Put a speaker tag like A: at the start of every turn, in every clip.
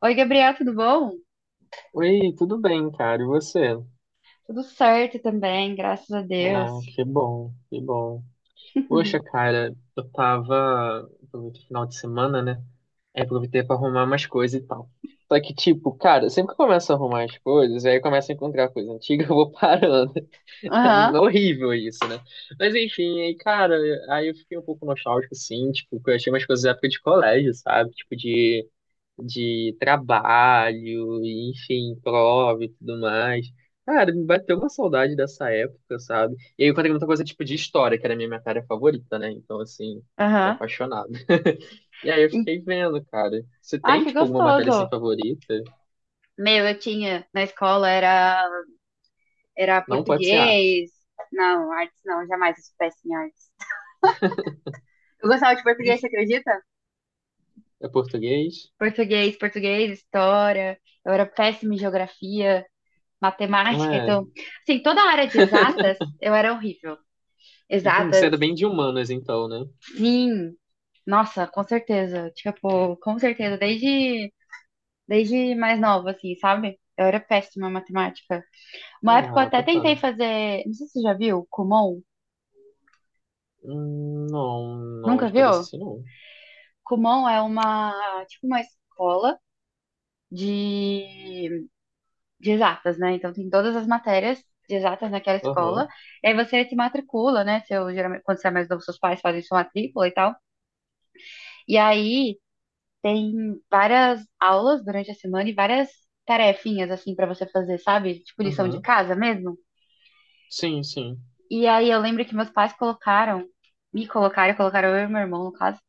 A: Oi, Gabriel, tudo bom?
B: Oi, tudo bem, cara? E você?
A: Tudo certo também, graças a Deus.
B: Ah, que bom, que bom. Poxa, cara, eu tava. Aproveitei o final de semana, né? Aí aproveitei pra arrumar umas coisas e tal. Só que, tipo, cara, sempre que eu começo a arrumar as coisas, aí eu começo a encontrar coisa antiga, eu vou parando. É
A: Aham,
B: horrível isso, né? Mas enfim, aí, cara, aí eu fiquei um pouco nostálgico, assim, tipo, que eu achei umas coisas da época de colégio, sabe? Tipo, de trabalho, e, enfim, prova e tudo mais. Cara, me bateu uma saudade dessa época, sabe? E aí eu encontrei muita coisa tipo de história, que era a minha matéria favorita, né? Então, assim, tô
A: aham.
B: apaixonado. E aí eu
A: E-
B: fiquei vendo, cara. Você
A: Ai,
B: tem,
A: que
B: tipo, alguma matéria
A: gostoso.
B: assim favorita?
A: Meu, eu tinha na escola era
B: Não pode ser arte.
A: português. Não, artes não, jamais eu soubesse em artes. Eu gostava de português, você acredita?
B: É português?
A: Português, português, história. Eu era péssima em geografia,
B: Não
A: matemática,
B: é.
A: então, assim, toda a área de exatas, eu era horrível.
B: Entendi. Você
A: Exatas,
B: era bem de humanas, então, né?
A: sim. Nossa, com certeza. Tipo, com certeza, desde mais nova, assim, sabe? Eu era péssima em matemática. Uma época eu
B: Ah,
A: até tentei
B: bacana.
A: fazer. Não sei se você já viu, Kumon.
B: Não,
A: Nunca
B: de cabeça
A: viu?
B: assim não.
A: Kumon é uma, tipo, uma escola de, de exatas, né? Então tem todas as matérias de exatas naquela escola.
B: Aham,
A: E aí você se matricula, né? Seu, geralmente, quando você é mais novo, seus pais fazem sua matrícula e tal. E aí tem várias aulas durante a semana e várias tarefinhas, assim, pra você fazer, sabe? Tipo lição de
B: aham.
A: casa mesmo.
B: Sim, sim.
A: E aí eu lembro que meus pais colocaram eu e meu irmão, no caso,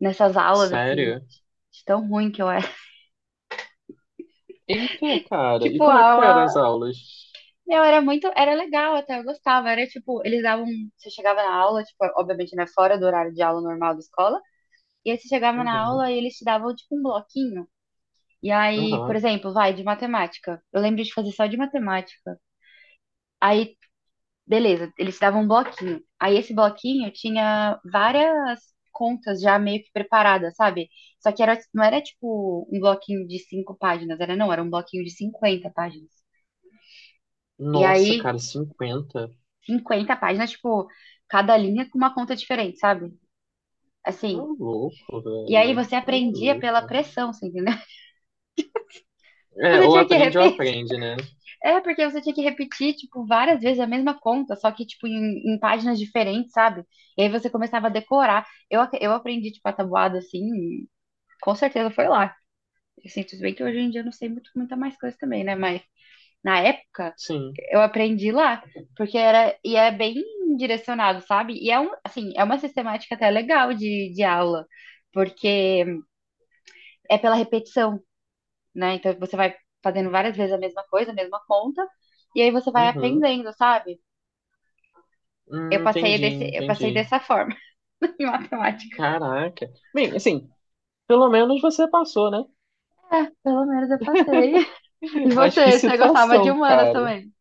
A: nessas aulas, assim,
B: Sério?
A: de tão ruim que eu era.
B: Eita, cara. E
A: Tipo,
B: como é que foram
A: aula.
B: as aulas?
A: Meu, era muito. Era legal até, eu gostava. Era tipo, eles davam. Você chegava na aula, tipo, obviamente, né, fora do horário de aula normal da escola. E aí você chegava na
B: Uhum.
A: aula e eles te davam, tipo, um bloquinho. E aí, por
B: Aham.
A: exemplo, vai de matemática. Eu lembro de fazer só de matemática. Aí, beleza, eles te davam um bloquinho. Aí esse bloquinho tinha várias contas já meio que preparadas, sabe? Só que não era tipo um bloquinho de cinco páginas, era não, era um bloquinho de 50 páginas. E
B: Nossa,
A: aí,
B: cara, cinquenta!
A: 50 páginas, tipo, cada linha com uma conta diferente, sabe?
B: Tá
A: Assim.
B: louco,
A: E aí
B: velho.
A: você
B: Tá
A: aprendia pela
B: maluco.
A: pressão, você entendeu?
B: É,
A: Você tinha que
B: ou
A: repetir.
B: aprende, né?
A: É, porque você tinha que repetir, tipo, várias vezes a mesma conta, só que, tipo, em páginas diferentes, sabe? E aí você começava a decorar. Eu aprendi, tipo, a tabuada, assim, e com certeza foi lá. Eu sinto bem que hoje em dia eu não sei muita mais coisa também, né? Mas na época
B: Sim.
A: eu aprendi lá, porque era, e é bem direcionado, sabe? E é um, assim, é uma sistemática até legal de aula, porque é pela repetição, né? Então você vai fazendo várias vezes a mesma coisa, a mesma conta, e aí você vai
B: Uhum.
A: aprendendo, sabe? Eu passei
B: Entendi,
A: desse, eu passei
B: entendi.
A: dessa forma em matemática.
B: Caraca. Bem, assim, pelo menos você passou, né?
A: É, pelo menos eu passei. E
B: Mas que
A: você gostava de
B: situação,
A: humanas
B: cara.
A: também?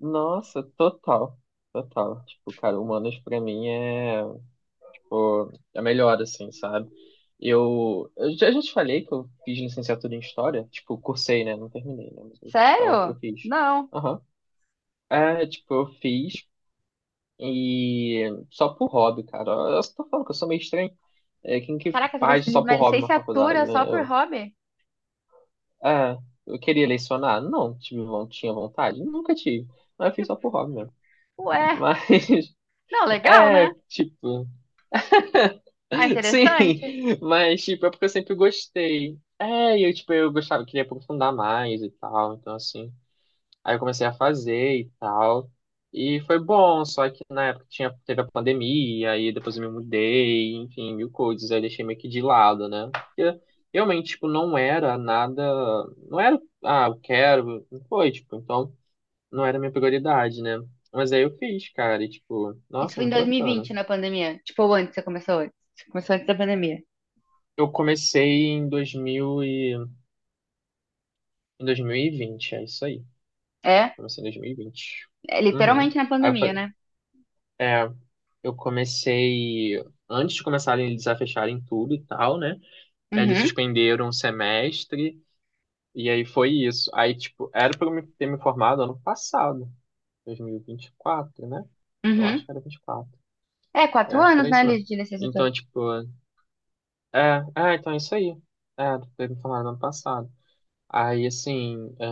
B: Nossa, total. Total. Tipo, cara, humanas pra mim é. Pô, é melhor assim, sabe? Eu, eu já te falei que eu fiz licenciatura em História, tipo, cursei, né? Não terminei, né? Mas eu, tava, eu
A: Sério?
B: fiz.
A: Não.
B: Aham. É, tipo, eu fiz e só por hobby, cara. Eu só tô falando que eu sou meio estranho. É, quem que
A: Caraca, você
B: faz
A: fez
B: só
A: uma
B: por hobby uma faculdade?
A: licenciatura
B: Né?
A: só por
B: Eu,
A: hobby?
B: é, eu queria lecionar? Não, tive, tinha vontade? Nunca tive. Mas eu fiz só por hobby mesmo.
A: Ué,
B: Mas,
A: não, legal,
B: é,
A: né?
B: tipo,
A: Ah,
B: Sim,
A: interessante.
B: mas tipo, é porque eu sempre gostei. É, e eu tipo, eu gostava, queria aprofundar mais e tal, então assim. Aí eu comecei a fazer e tal. E foi bom, só que na época tinha, teve a pandemia, aí depois eu me mudei, enfim, mil coisas, aí eu deixei meio que de lado, né? Porque realmente, tipo, não era nada, não era, ah, eu quero, não foi, tipo, então não era minha prioridade, né? Mas aí eu fiz, cara, e tipo,
A: Isso
B: nossa,
A: foi em
B: muito bacana.
A: 2020, na pandemia. Tipo, ou antes, você começou antes. Você começou antes da pandemia.
B: Eu comecei em 2000 Em 2020 é isso aí.
A: É,
B: Comecei em 2020.
A: é
B: Uhum.
A: literalmente na
B: Aí eu
A: pandemia,
B: falei,
A: né?
B: é, eu comecei antes de começarem eles a fecharem tudo e tal, né? Aí eles
A: Uhum,
B: suspenderam um semestre e aí foi isso. Aí, tipo, era pra eu ter me formado ano passado, dois mil e vinte e quatro né? Eu acho
A: uhum.
B: que era vinte e quatro.
A: É,
B: Eu
A: 4
B: acho que
A: anos,
B: era
A: né,
B: isso
A: Liz,
B: mesmo.
A: de licenciatura.
B: Então, tipo, é, então é isso aí. É, ter me formado ano passado. Aí, assim, é,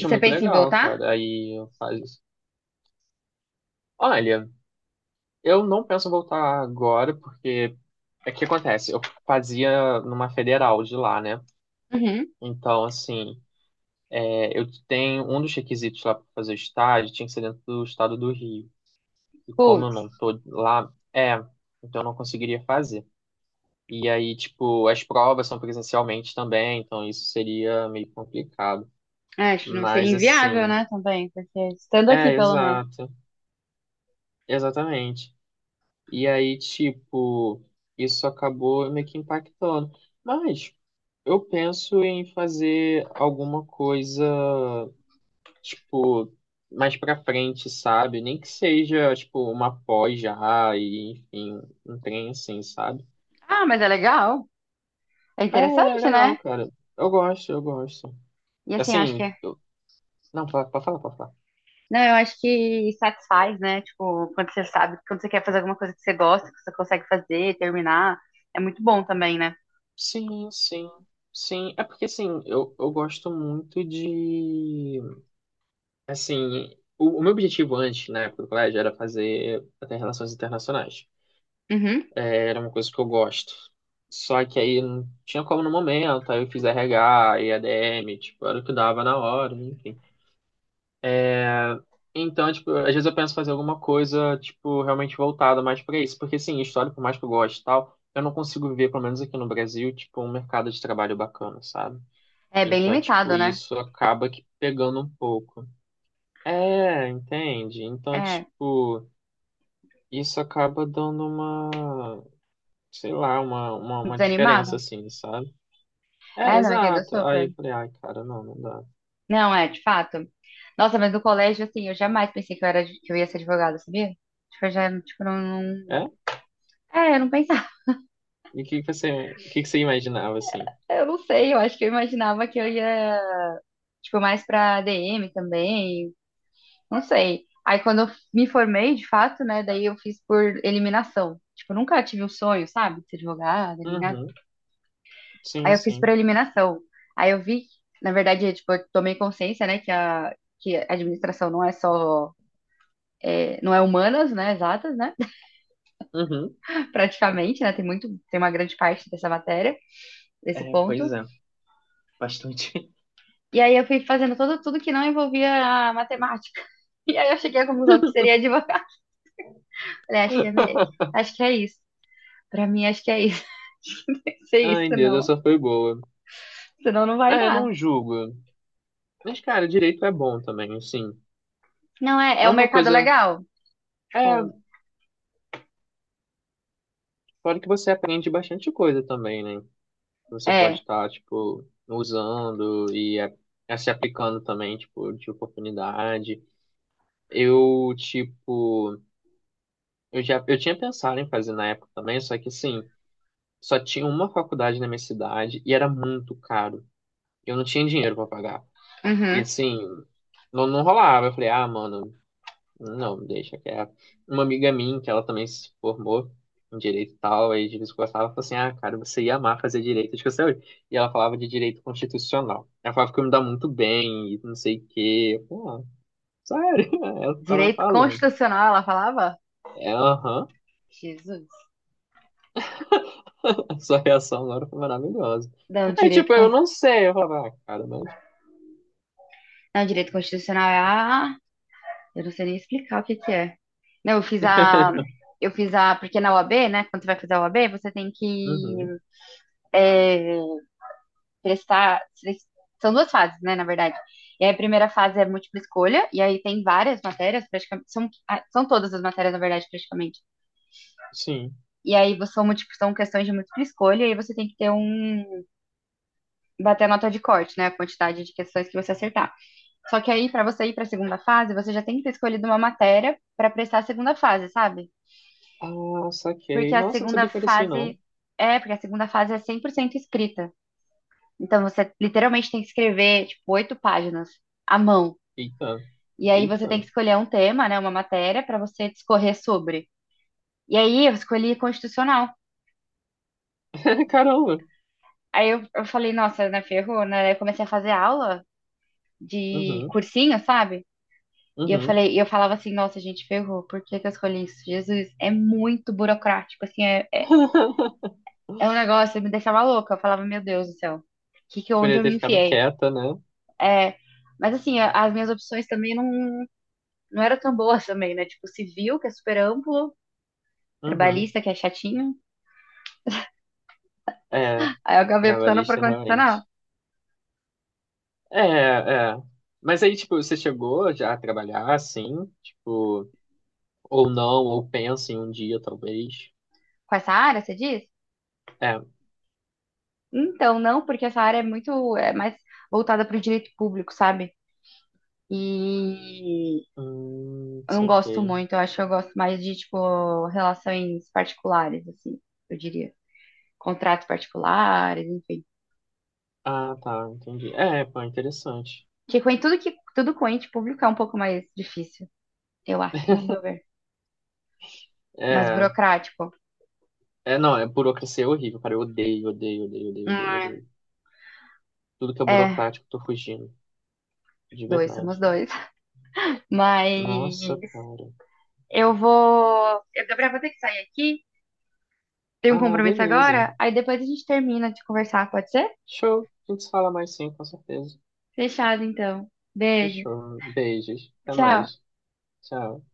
A: E você
B: muito
A: pensa em
B: legal,
A: voltar?
B: cara. Aí eu faço. Olha. Eu não penso voltar agora, porque é que acontece, eu fazia numa federal de lá, né?
A: Uhum.
B: Então, assim, é, eu tenho um dos requisitos lá para fazer estágio, tinha que ser dentro do estado do Rio. E como eu
A: Putz.
B: não tô lá, é, então eu não conseguiria fazer. E aí, tipo, as provas são presencialmente também, então isso seria meio complicado.
A: É, acho que não seria
B: Mas,
A: inviável,
B: assim,
A: né, também, porque estando aqui,
B: é,
A: pelo menos.
B: exato, exatamente. E aí, tipo, isso acabou meio que impactando. Mas eu penso em fazer alguma coisa, tipo, mais pra frente, sabe? Nem que seja, tipo, uma pós já, e enfim, um trem assim, sabe?
A: Ah, mas é legal. É
B: É, é
A: interessante,
B: legal,
A: né?
B: cara. Eu gosto, eu gosto.
A: E assim, eu acho que
B: Assim,
A: é.
B: eu... não, pode falar, pode falar.
A: Não, eu acho que satisfaz, né? Tipo, quando você sabe, quando você quer fazer alguma coisa que você gosta, que você consegue fazer, terminar, é muito bom também, né?
B: Sim, sim, sim. É porque, assim, eu gosto muito de. Assim, o meu objetivo antes, na época do colégio, era fazer até relações internacionais.
A: Uhum.
B: É, era uma coisa que eu gosto. Só que aí não tinha como no momento, aí eu fiz RH e ADM, tipo, era o que dava na hora, enfim. É, então, tipo, às vezes eu penso em fazer alguma coisa, tipo, realmente voltada mais pra isso. Porque, sim, história, por mais que eu goste e tal, eu não consigo ver, pelo menos aqui no Brasil, tipo, um mercado de trabalho bacana, sabe?
A: É bem
B: Então, tipo,
A: limitado, né?
B: isso acaba que pegando um pouco. É, entende? Então,
A: É,
B: tipo, isso acaba dando uma, sei lá, uma diferença,
A: desanimado.
B: assim, sabe? É,
A: É, não, entendo
B: exato. Aí
A: super.
B: eu falei, ai, cara, não, não dá.
A: Não, é, de fato. Nossa, mas no colégio, assim, eu jamais pensei que eu ia ser advogada, sabia? Tipo, eu já, tipo, não, não...
B: É?
A: É, eu não pensava.
B: E o que que você imaginava, assim?
A: Eu não sei, eu acho que eu imaginava que eu ia tipo, mais pra DM também, não sei. Aí quando eu me formei, de fato, né, daí eu fiz por eliminação. Tipo, nunca tive o sonho, sabe, de ser advogada, nem nada.
B: Uhum, sim,
A: Aí eu fiz
B: sim.
A: por eliminação. Aí eu vi, na verdade, tipo, eu tomei consciência, né, que a administração não é só, é, não é humanas, né, exatas, né,
B: Uhum.
A: praticamente, né, tem uma grande parte dessa matéria, desse
B: É, pois
A: ponto.
B: é, bastante.
A: E aí eu fui fazendo tudo que não envolvia a matemática. E aí eu cheguei à conclusão que seria advogada. Falei, acho que é, acho que é isso. Pra mim, acho que é isso. Não, tem que ser isso,
B: Ai, Deus,
A: não.
B: essa foi boa.
A: Senão não vai
B: É,
A: dar.
B: não julgo. Mas, cara, direito é bom também, assim.
A: Não, é,
B: É
A: é um
B: uma
A: mercado
B: coisa.
A: legal.
B: É,
A: Tipo,
B: fora que você aprende bastante coisa também, né? Você pode
A: é.
B: estar, tipo, usando e é, é se aplicando também, tipo, de oportunidade. Eu, tipo, eu já, eu tinha pensado em fazer na época também, só que, assim, só tinha uma faculdade na minha cidade e era muito caro. Eu não tinha dinheiro para pagar. E,
A: Uhum.
B: assim, não rolava. Eu falei, ah, mano, não, deixa que é uma amiga minha, que ela também se formou em direito e tal, aí de vez em quando gostava, falou assim, ah, cara, você ia amar fazer direito, acho que você hoje. E ela falava de direito constitucional. Ela falava que eu me dá muito bem e não sei o quê. Eu ah, sério? Ela ficava
A: Direito
B: falando.
A: constitucional, ela falava?
B: É, aham.
A: Jesus.
B: Sua reação agora foi maravilhosa.
A: Não,
B: Aí, tipo, eu não sei. Eu falava, ah, cara, mas...
A: não, direito constitucional é a. Eu não sei nem explicar o que que é. Não, eu fiz a. Eu fiz a. Porque na UAB, né? Quando você vai fazer a UAB, você tem que
B: Uhum,
A: é, prestar. São duas fases, né, na verdade. E aí a primeira fase é múltipla escolha, e aí tem várias matérias, praticamente. São todas as matérias, na verdade, praticamente.
B: sim.
A: E aí são questões de múltipla escolha, e aí você tem que ter um. Bater a nota de corte, né? A quantidade de questões que você acertar. Só que aí, para você ir para a segunda fase, você já tem que ter escolhido uma matéria para prestar a segunda fase, sabe?
B: Ah,
A: Porque
B: saquei.
A: a
B: Nossa, não
A: segunda
B: sabia que era assim, não.
A: fase. É, porque a segunda fase é 100% escrita. Então você literalmente tem que escrever, tipo, oito páginas à mão.
B: Eita.
A: E aí você
B: Eita.
A: tem que escolher um tema, né, uma matéria para você discorrer sobre. E aí eu escolhi constitucional.
B: Caramba.
A: Aí eu falei, nossa, né, ferrou, né? Aí eu comecei a fazer aula de
B: Uhum,
A: cursinho, sabe? E eu
B: uhum.
A: falei, e eu falava assim, nossa, gente, ferrou, por que que eu escolhi isso? Jesus, é muito burocrático, assim, é, é é um negócio que me deixava louca. Eu falava, meu Deus do céu, onde
B: Poderia
A: eu
B: ter
A: me
B: ficado
A: enfiei?
B: quieta, né?
A: É, mas assim, as minhas opções também não eram tão boas também, né? Tipo, civil, que é super amplo,
B: Uhum.
A: trabalhista, que é chatinho.
B: É,
A: Aí eu acabei optando por
B: trabalhista,
A: constitucional.
B: realmente. É, é. Mas aí, tipo, você chegou já a trabalhar assim? Tipo, ou não, ou pensa em um dia, talvez.
A: Com essa área, você diz?
B: É.
A: Então, não, porque essa área é mais voltada para o direito público, sabe? E eu não gosto
B: Saquei.
A: muito, eu acho que eu gosto mais de, tipo, relações particulares, assim, eu diria. Contratos particulares, enfim.
B: Ah, tá, entendi. É, pô, interessante.
A: Porque tudo com ente público é um pouco mais difícil, eu acho, no meu ver. Mais
B: É,
A: burocrático.
B: não, é burocracia é horrível, cara. Eu odeio, odeio, odeio, odeio, odeio, odeio. Tudo que é
A: É,
B: burocrático, eu tô fugindo. De
A: dois, somos
B: verdade.
A: dois. Mas
B: Nossa, cara.
A: eu vou. Eu, Gabriel, vou ter que sair aqui. Tem um
B: Ah,
A: compromisso
B: beleza.
A: agora? Aí depois a gente termina de conversar, pode ser?
B: Show. A gente se fala mais sim, com certeza.
A: Fechado, então. Beijo.
B: Fechou. Beijos. Até
A: Tchau.
B: mais. Tchau.